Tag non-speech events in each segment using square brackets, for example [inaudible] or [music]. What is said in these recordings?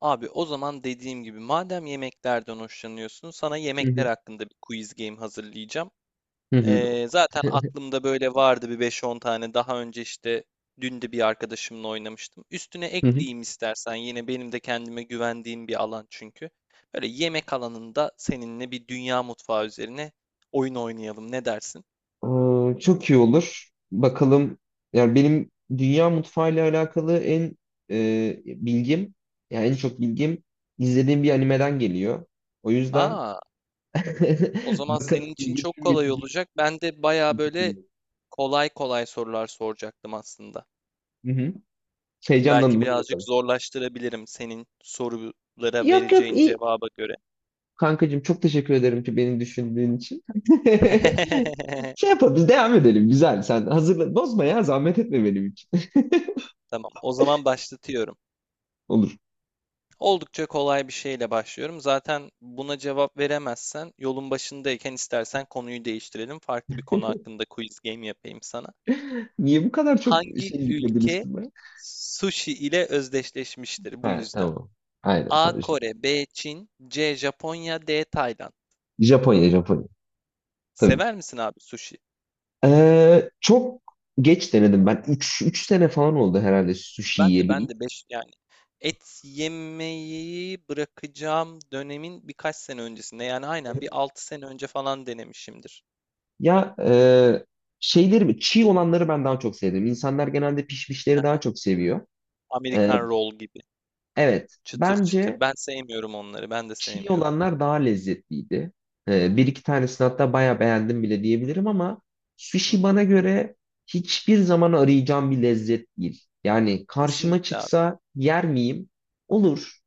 Abi o zaman dediğim gibi madem yemeklerden hoşlanıyorsun sana Hı hı. yemekler hakkında bir quiz game hazırlayacağım. Hı hı. Zaten aklımda böyle vardı bir beş on tane daha önce işte dün de bir arkadaşımla oynamıştım. Üstüne Hı hı. ekleyeyim istersen yine benim de kendime güvendiğim bir alan çünkü. Böyle yemek alanında seninle bir dünya mutfağı üzerine oyun oynayalım ne dersin? Çok iyi olur. Bakalım. Yani benim dünya mutfağıyla alakalı en bilgim, yani en çok bilgim izlediğim bir animeden geliyor. O yüzden Aa, o [laughs] zaman bakalım senin için çok bilgilerim kolay yetecek olacak. Ben de baya böyle mi? kolay kolay sorular soracaktım aslında. Hı hı. Belki Heyecanlandım, hadi birazcık bakalım. zorlaştırabilirim senin sorulara Yok yok, vereceğin iyi. cevaba göre. Kankacığım çok teşekkür ederim ki beni düşündüğün için. [laughs] [laughs] Şey yapalım, biz devam edelim, güzel. Sen hazırla, bozma ya, zahmet etme benim için. [laughs] Tamam, o zaman başlatıyorum. Olur. Oldukça kolay bir şeyle başlıyorum. Zaten buna cevap veremezsen yolun başındayken istersen konuyu değiştirelim. Farklı bir konu hakkında quiz game yapayım sana. Niye bu kadar çok Hangi şey yükledin ülke üstüme? sushi ile özdeşleşmiştir bu Ha, yüzden? tamam. Aynen, A. tabii. Kore, B. Çin, C. Japonya, D. Tayland. Japonya, Japonya. Tabii ki. Sever misin abi sushi? Çok geç denedim ben. Üç 3 sene falan oldu herhalde sushi Ben de ben yediği. de 5 yani et yemeyi bırakacağım dönemin birkaç sene öncesinde yani aynen bir 6 sene önce falan denemişimdir. Ya, şeyleri çiğ olanları ben daha çok sevdim. İnsanlar genelde pişmişleri daha Aha, çok seviyor. Ee, Amerikan roll gibi evet. çıtır çıtır. Bence Ben sevmiyorum onları. Ben de çiğ sevmiyordum. olanlar daha lezzetliydi. Bir iki tanesini hatta bayağı beğendim bile diyebilirim ama sushi Hı? bana göre hiçbir zaman arayacağım bir lezzet değil. Yani karşıma Kesinlikle abi. çıksa yer miyim? Olur.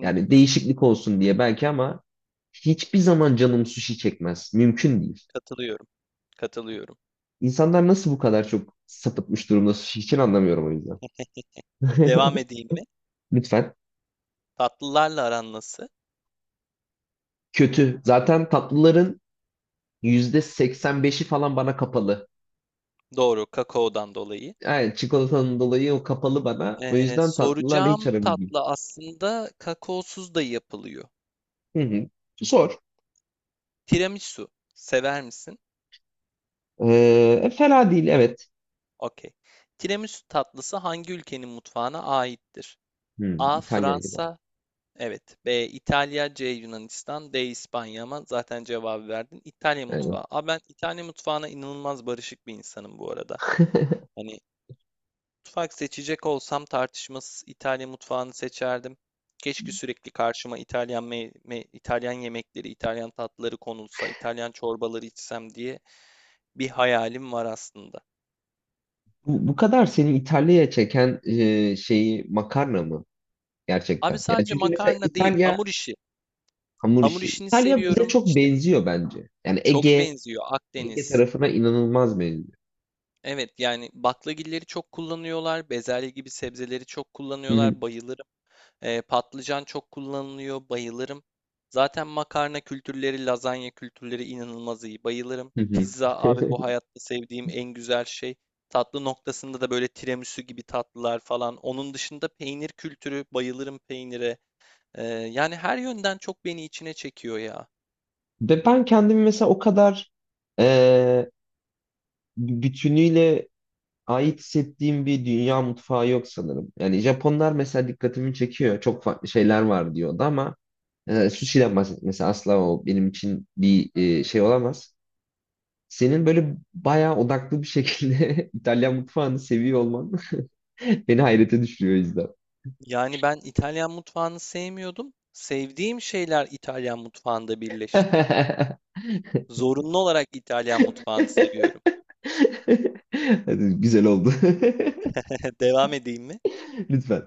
Yani değişiklik olsun diye belki ama hiçbir zaman canım sushi çekmez. Mümkün değil. Katılıyorum. Katılıyorum. İnsanlar nasıl bu kadar çok sapıtmış durumda sushi için anlamıyorum o yüzden. Devam edeyim mi? [laughs] Lütfen. Tatlılarla aran nasıl? Kötü. Zaten tatlıların %85'i falan bana kapalı. Doğru, kakaodan dolayı. Yani çikolatanın dolayı o kapalı bana. O yüzden tatlılarla hiç Soracağım aram değil. tatlı aslında kakaosuz da yapılıyor. Hı hı. Zor. Tiramisu. Sever misin? Fena değil, evet. Okey. Tiramisu tatlısı hangi ülkenin mutfağına aittir? Hı, A. İtalya gibi. Fransa. Evet. B. İtalya. C. Yunanistan. D. İspanya ama zaten cevabı verdin. İtalya Aynen. mutfağı. Aa, ben İtalya mutfağına inanılmaz barışık bir insanım bu arada. Hani mutfak seçecek olsam tartışmasız İtalya mutfağını seçerdim. Keşke sürekli karşıma İtalyan İtalyan yemekleri, İtalyan tatlıları konulsa, İtalyan çorbaları içsem diye bir hayalim var aslında. Bu kadar seni İtalya'ya çeken şeyi makarna mı Abi gerçekten? Yani sadece çünkü mesela makarna değil, İtalya hamur işi. hamur Hamur işi. işini İtalya bize seviyorum. çok İşte benziyor bence. Yani çok Ege benziyor Ege Akdeniz. tarafına inanılmaz benziyor. Evet yani baklagilleri çok kullanıyorlar. Bezelye gibi sebzeleri çok Hı hı, kullanıyorlar. Bayılırım. Patlıcan çok kullanılıyor. Bayılırım. Zaten makarna kültürleri, lazanya kültürleri inanılmaz iyi. Bayılırım. hı hı. Pizza abi bu [laughs] hayatta sevdiğim en güzel şey. Tatlı noktasında da böyle tiramisu gibi tatlılar falan. Onun dışında peynir kültürü. Bayılırım peynire. Yani her yönden çok beni içine çekiyor ya. Ve ben kendimi mesela o kadar e, bütünüyle ait hissettiğim bir dünya mutfağı yok sanırım. Yani Japonlar mesela dikkatimi çekiyor. Çok farklı şeyler var diyordu ama sushi'den bahsetmesi asla o benim için bir şey olamaz. Senin böyle bayağı odaklı bir şekilde [laughs] İtalyan mutfağını seviyor olman [laughs] beni hayrete düşürüyor o yüzden. Yani ben İtalyan mutfağını sevmiyordum. Sevdiğim şeyler İtalyan mutfağında birleşti. [laughs] Zorunlu olarak İtalyan mutfağını seviyorum. Hadi, güzel oldu. [laughs] Devam edeyim mi? [laughs] Lütfen.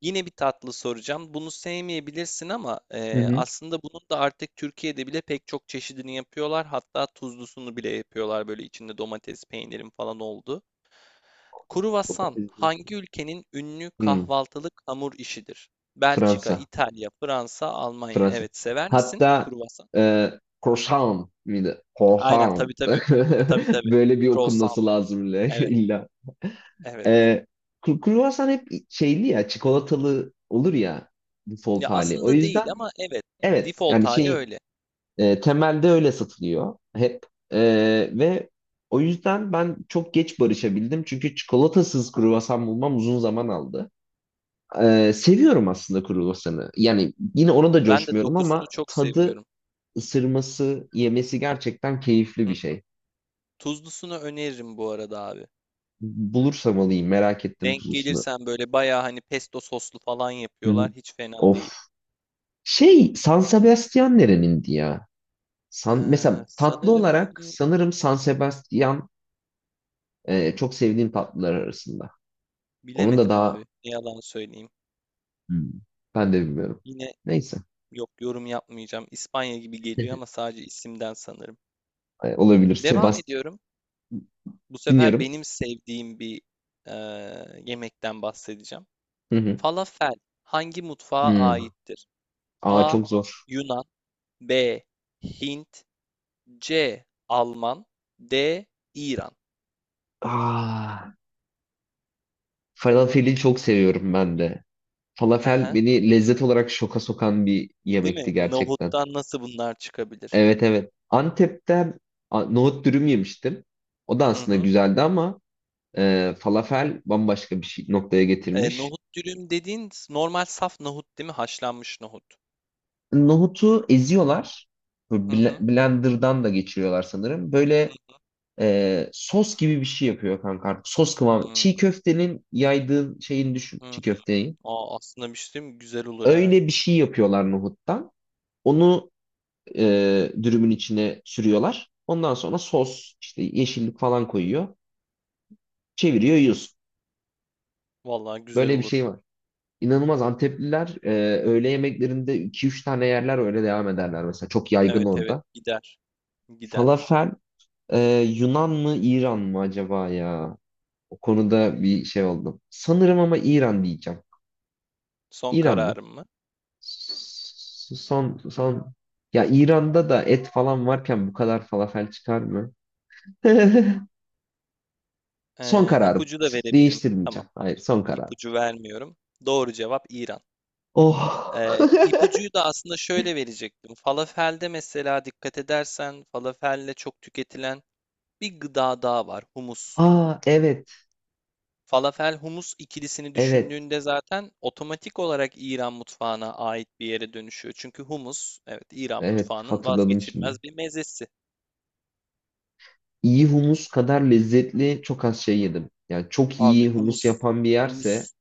Yine bir tatlı soracağım. Bunu sevmeyebilirsin ama Hı hı. aslında bunun da artık Türkiye'de bile pek çok çeşidini yapıyorlar. Hatta tuzlusunu bile yapıyorlar böyle içinde domates, peynirin falan oldu. Kruvasan hangi ülkenin ünlü Hı, kahvaltılık hamur işidir? Belçika, Fransa. İtalya, Fransa, Almanya. Fransa. Evet, sever misin Hatta kruvasan? e, Korsan mıydı? Aynen Korhan. tabii tabii. [laughs] Tabii tabii. Böyle bir Croissant. okunması lazım illa. [laughs] Evet. illa. Evet. E, Kruvasan hep şeyli ya, çikolatalı olur ya default Ya hali. O aslında değil yüzden ama evet. evet, Default yani hali şey, öyle. Temelde öyle satılıyor hep. E, Ve o yüzden ben çok geç barışabildim. Çünkü çikolatasız kruvasan bulmam uzun zaman aldı. Seviyorum aslında kruvasanı. Yani yine ona da Ben de coşmuyorum dokusunu ama çok tadı seviyorum. ısırması, yemesi gerçekten keyifli Hı bir hı. şey. Tuzlusunu öneririm bu arada abi. Bulursam alayım, merak ettim Denk tuzlusunu. gelirsen böyle bayağı hani pesto soslu falan Hı hı. yapıyorlar. Hiç fena Of. değil. Şey, San Sebastian nerenindi ya? Mesela tatlı Sanırım olarak sanırım San Sebastian çok sevdiğim tatlılar arasında. Onun da bilemedim abi. daha. Ne yalan söyleyeyim. Hmm. Ben de bilmiyorum. Yine Neyse, yok yorum yapmayacağım. İspanya gibi geliyor ama sadece isimden sanırım. Olabilir. Devam Sebastian, ediyorum. Bu sefer dinliyorum. benim sevdiğim bir yemekten bahsedeceğim. Hı hı. Falafel hangi mutfağa Hmm. aittir? Aa, A. çok zor. Yunan, B. Hint, C. Alman, D. İran. Aa, falafeli çok seviyorum ben de. Hı Falafel hı. beni lezzet olarak şoka sokan bir Değil mi? yemekti gerçekten. Nohuttan nasıl bunlar çıkabilir? Evet, evet. Antep'te nohut dürüm yemiştim. O da Hı aslında hı. güzeldi ama falafel bambaşka bir şey, noktaya E, getirmiş. nohut dürüm dediğin normal saf nohut değil mi? Haşlanmış nohut. Nohutu eziyorlar. Bu Hı hı. Blender'dan da geçiriyorlar sanırım. Böyle sos gibi bir şey yapıyor kanka artık. Sos Hı kıvamı. hı. Çiğ köftenin yaydığın şeyini düşün. Hı Çiğ hı. köfteyi. Aa, aslında bir şey diyeyim mi? Güzel olur ha. Öyle bir şey yapıyorlar nohuttan. Onu dürümün içine sürüyorlar. Ondan sonra sos, işte yeşillik falan koyuyor. Çeviriyor yiyorsun. Vallahi güzel Böyle bir olur. şey var. İnanılmaz Antepliler öğle yemeklerinde iki üç tane yerler öyle devam ederler mesela. Çok yaygın Evet evet orada. gider. Gider. Falafel e, Yunan mı İran mı acaba ya? O konuda bir şey oldum. Sanırım ama İran diyeceğim. Son İran mı? kararım mı? Son ya İran'da da et falan varken bu kadar falafel çıkar mı? [laughs] Son kararım. İpucu da verebilirim. Tamam. Değiştirmeyeceğim. Hayır, son kararım. İpucu vermiyorum. Doğru cevap İran. Oh. İpucuyu da aslında şöyle verecektim. Falafelde mesela dikkat edersen falafelle çok tüketilen bir gıda daha var. Humus. Aa, evet. Falafel humus ikilisini Evet. düşündüğünde zaten otomatik olarak İran mutfağına ait bir yere dönüşüyor. Çünkü humus evet İran Evet. mutfağının Hatırladım şimdi. vazgeçilmez bir mezesi. İyi humus kadar lezzetli çok az şey yedim. Yani çok Abi iyi humus humus yapan bir yerse humus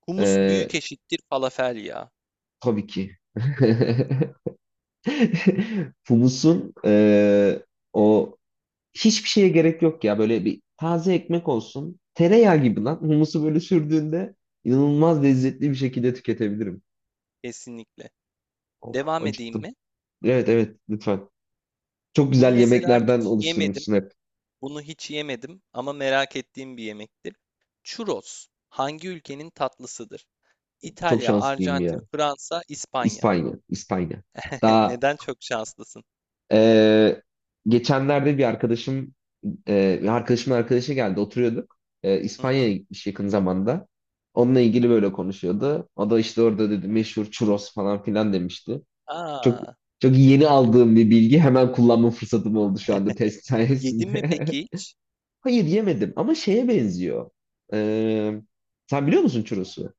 humus e, büyük eşittir falafel ya. tabii ki. [laughs] Humusun o hiçbir şeye gerek yok ya. Böyle bir taze ekmek olsun. Tereyağı Hı gibi hı, lan. Humusu böyle sürdüğünde inanılmaz lezzetli bir kesinlikle. şekilde tüketebilirim. Kesinlikle. Of, Devam edeyim acıktım. mi? Evet, evet, lütfen. Çok Bunu güzel mesela yemeklerden hiç yemedim. oluşturmuşsun hep. Bunu hiç yemedim ama merak ettiğim bir yemektir. Churros hangi ülkenin tatlısıdır? Çok İtalya, şanslıyım ya. Arjantin, Fransa, İspanya. İspanya, İspanya. [laughs] Daha Neden çok şanslısın? e, geçenlerde bir arkadaşım, bir arkadaşımın arkadaşı geldi, oturuyorduk. Hı İspanya'ya hı. gitmiş yakın zamanda. Onunla ilgili böyle konuşuyordu. O da işte orada dedi meşhur churros falan filan demişti. Çok Aa, çok yeni aldığım bir bilgi, hemen kullanma fırsatım oldu şu anda test sayesinde. yedin mi peki hiç? [laughs] Hayır, yemedim ama şeye benziyor. E, Sen biliyor musun churros'u?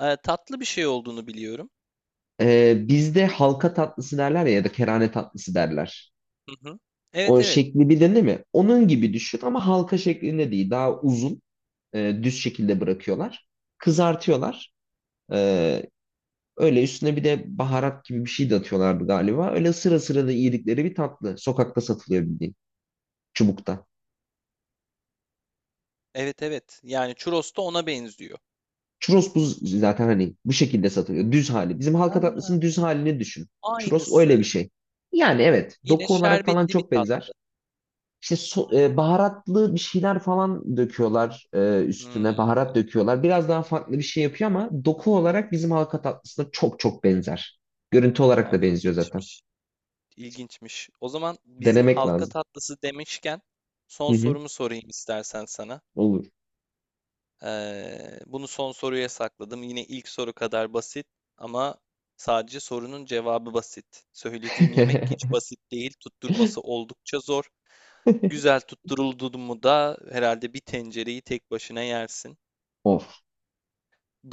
Tatlı bir şey olduğunu biliyorum. Bizde halka tatlısı derler ya ya da kerane tatlısı derler. Hı hı. Evet O evet. şekli bilin değil mi? Onun gibi düşün ama halka şeklinde değil. Daha uzun, düz şekilde bırakıyorlar. Kızartıyorlar. Ee, Öyle üstüne bir de baharat gibi bir şey de atıyorlardı galiba. Öyle sıra sıra da yedikleri bir tatlı. Sokakta satılıyor, bildiğin. Çubukta. Evet evet. Yani churros da ona benziyor. Churros bu zaten hani bu şekilde satılıyor. Düz hali. Bizim halka tatlısının Aa, düz halini düşün. Churros öyle bir aynısı. şey. Yani evet, Yine doku olarak falan şerbetli bir çok tat. benzer. İşte baharatlı bir şeyler falan döküyorlar üstüne. Hmm. Baharat döküyorlar. Biraz daha farklı bir şey yapıyor ama doku olarak bizim halka tatlısına çok çok benzer. Görüntü olarak Aa, da benziyor zaten. ilginçmiş. İlginçmiş. O zaman bizim Denemek halka lazım. tatlısı demişken Hı son hı. sorumu sorayım istersen sana. Olur. Bunu son soruya sakladım. Yine ilk soru kadar basit ama sadece sorunun cevabı basit. Söylediğim yemek hiç [laughs] basit değil. Tutturması oldukça zor. Güzel tutturuldu mu da herhalde bir tencereyi tek başına yersin. Of.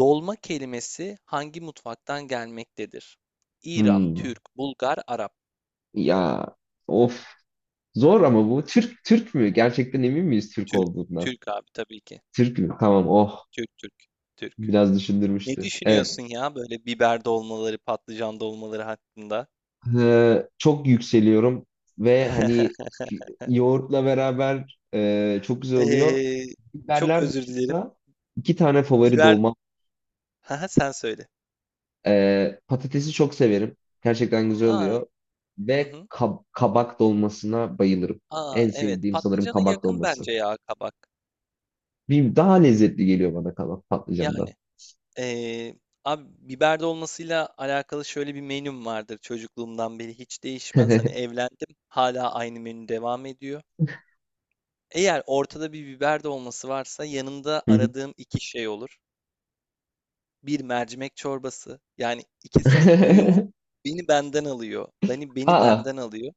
Dolma kelimesi hangi mutfaktan gelmektedir? İran, Hmm. Türk, Bulgar, Arap. Ya. Of. Zor ama bu. Türk Türk mü? Gerçekten emin miyiz Türk Türk, olduğundan? Türk abi tabii ki. Türk mü? Tamam. Oh. Türk, Türk, Türk. Biraz Ne düşündürmüştü. Evet. düşünüyorsun ya böyle biber dolmaları, patlıcan dolmaları hakkında? Çok yükseliyorum ve hani [laughs] yoğurtla beraber çok güzel oluyor. Ee, Çok Biberler özür dilerim. dışında iki tane favori Biber, dolma. [laughs] Haha, sen söyle. Patatesi çok severim. Gerçekten güzel Aa, oluyor. hı Ve hı. Kabak dolmasına bayılırım. Aa, En evet. sevdiğim sanırım Patlıcana kabak yakın dolması. bence ya kabak. Bir daha lezzetli geliyor bana kabak patlıcandan. Yani ee, abi biber dolmasıyla alakalı şöyle bir menüm vardır çocukluğumdan beri hiç [laughs] değişmez. Hani Hı evlendim, hala aynı menü devam ediyor. Eğer ortada bir biber dolması varsa yanında hı. aradığım iki şey olur. Bir mercimek çorbası. Yani ikisinin uyumu [laughs] beni benden alıyor. Beni Aa, benden alıyor.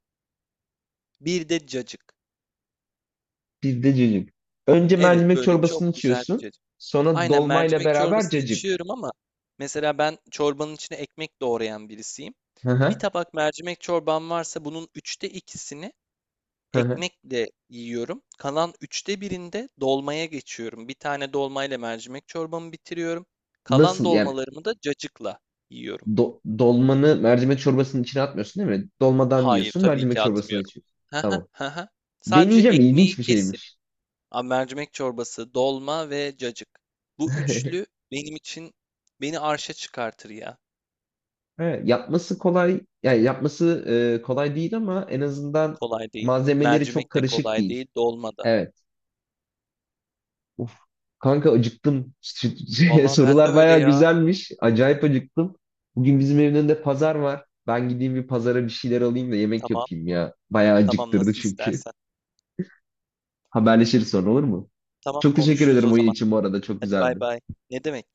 Bir de cacık. bizde cacık. Önce Evet mercimek böyle çok çorbasını güzel bir içiyorsun. cacık. Sonra Aynen dolmayla mercimek beraber çorbasını cacık. içiyorum ama mesela ben çorbanın içine ekmek doğrayan birisiyim. Hı Bir hı. tabak mercimek çorbam varsa bunun üçte ikisini Hı hı. ekmekle yiyorum. Kalan üçte birinde dolmaya geçiyorum. Bir tane dolmayla mercimek çorbamı bitiriyorum. Kalan Nasıl yani, dolmalarımı da cacıkla yiyorum. Dolmanı mercimek çorbasının içine atmıyorsun değil mi? Dolmadan Hayır, yiyorsun, tabii mercimek ki çorbasına atmıyorum. içiyorsun. Hı hı, Tamam. hı hı. Sadece Deneyeceğim, ekmeği ilginç bir kesip şeymiş. a, mercimek çorbası, dolma ve cacık. Bu üçlü [laughs] benim için beni arşa çıkartır ya. Evet, yapması kolay, yani yapması kolay değil ama en azından Kolay değil. malzemeleri çok Mercimek de karışık kolay değil. değil, dolma da. Evet. Of. Kanka acıktım. [laughs] Vallahi ben de Sorular öyle bayağı ya. güzelmiş. Acayip acıktım. Bugün bizim evin önünde pazar var. Ben gideyim bir pazara bir şeyler alayım da yemek Tamam, yapayım ya. Bayağı tamam acıktırdı nasıl çünkü. istersen. Haberleşiriz sonra, olur mu? Tamam Çok teşekkür konuşuruz ederim o oyun zaman. için bu arada. Çok Hadi bay güzeldi. bay. Ne demek?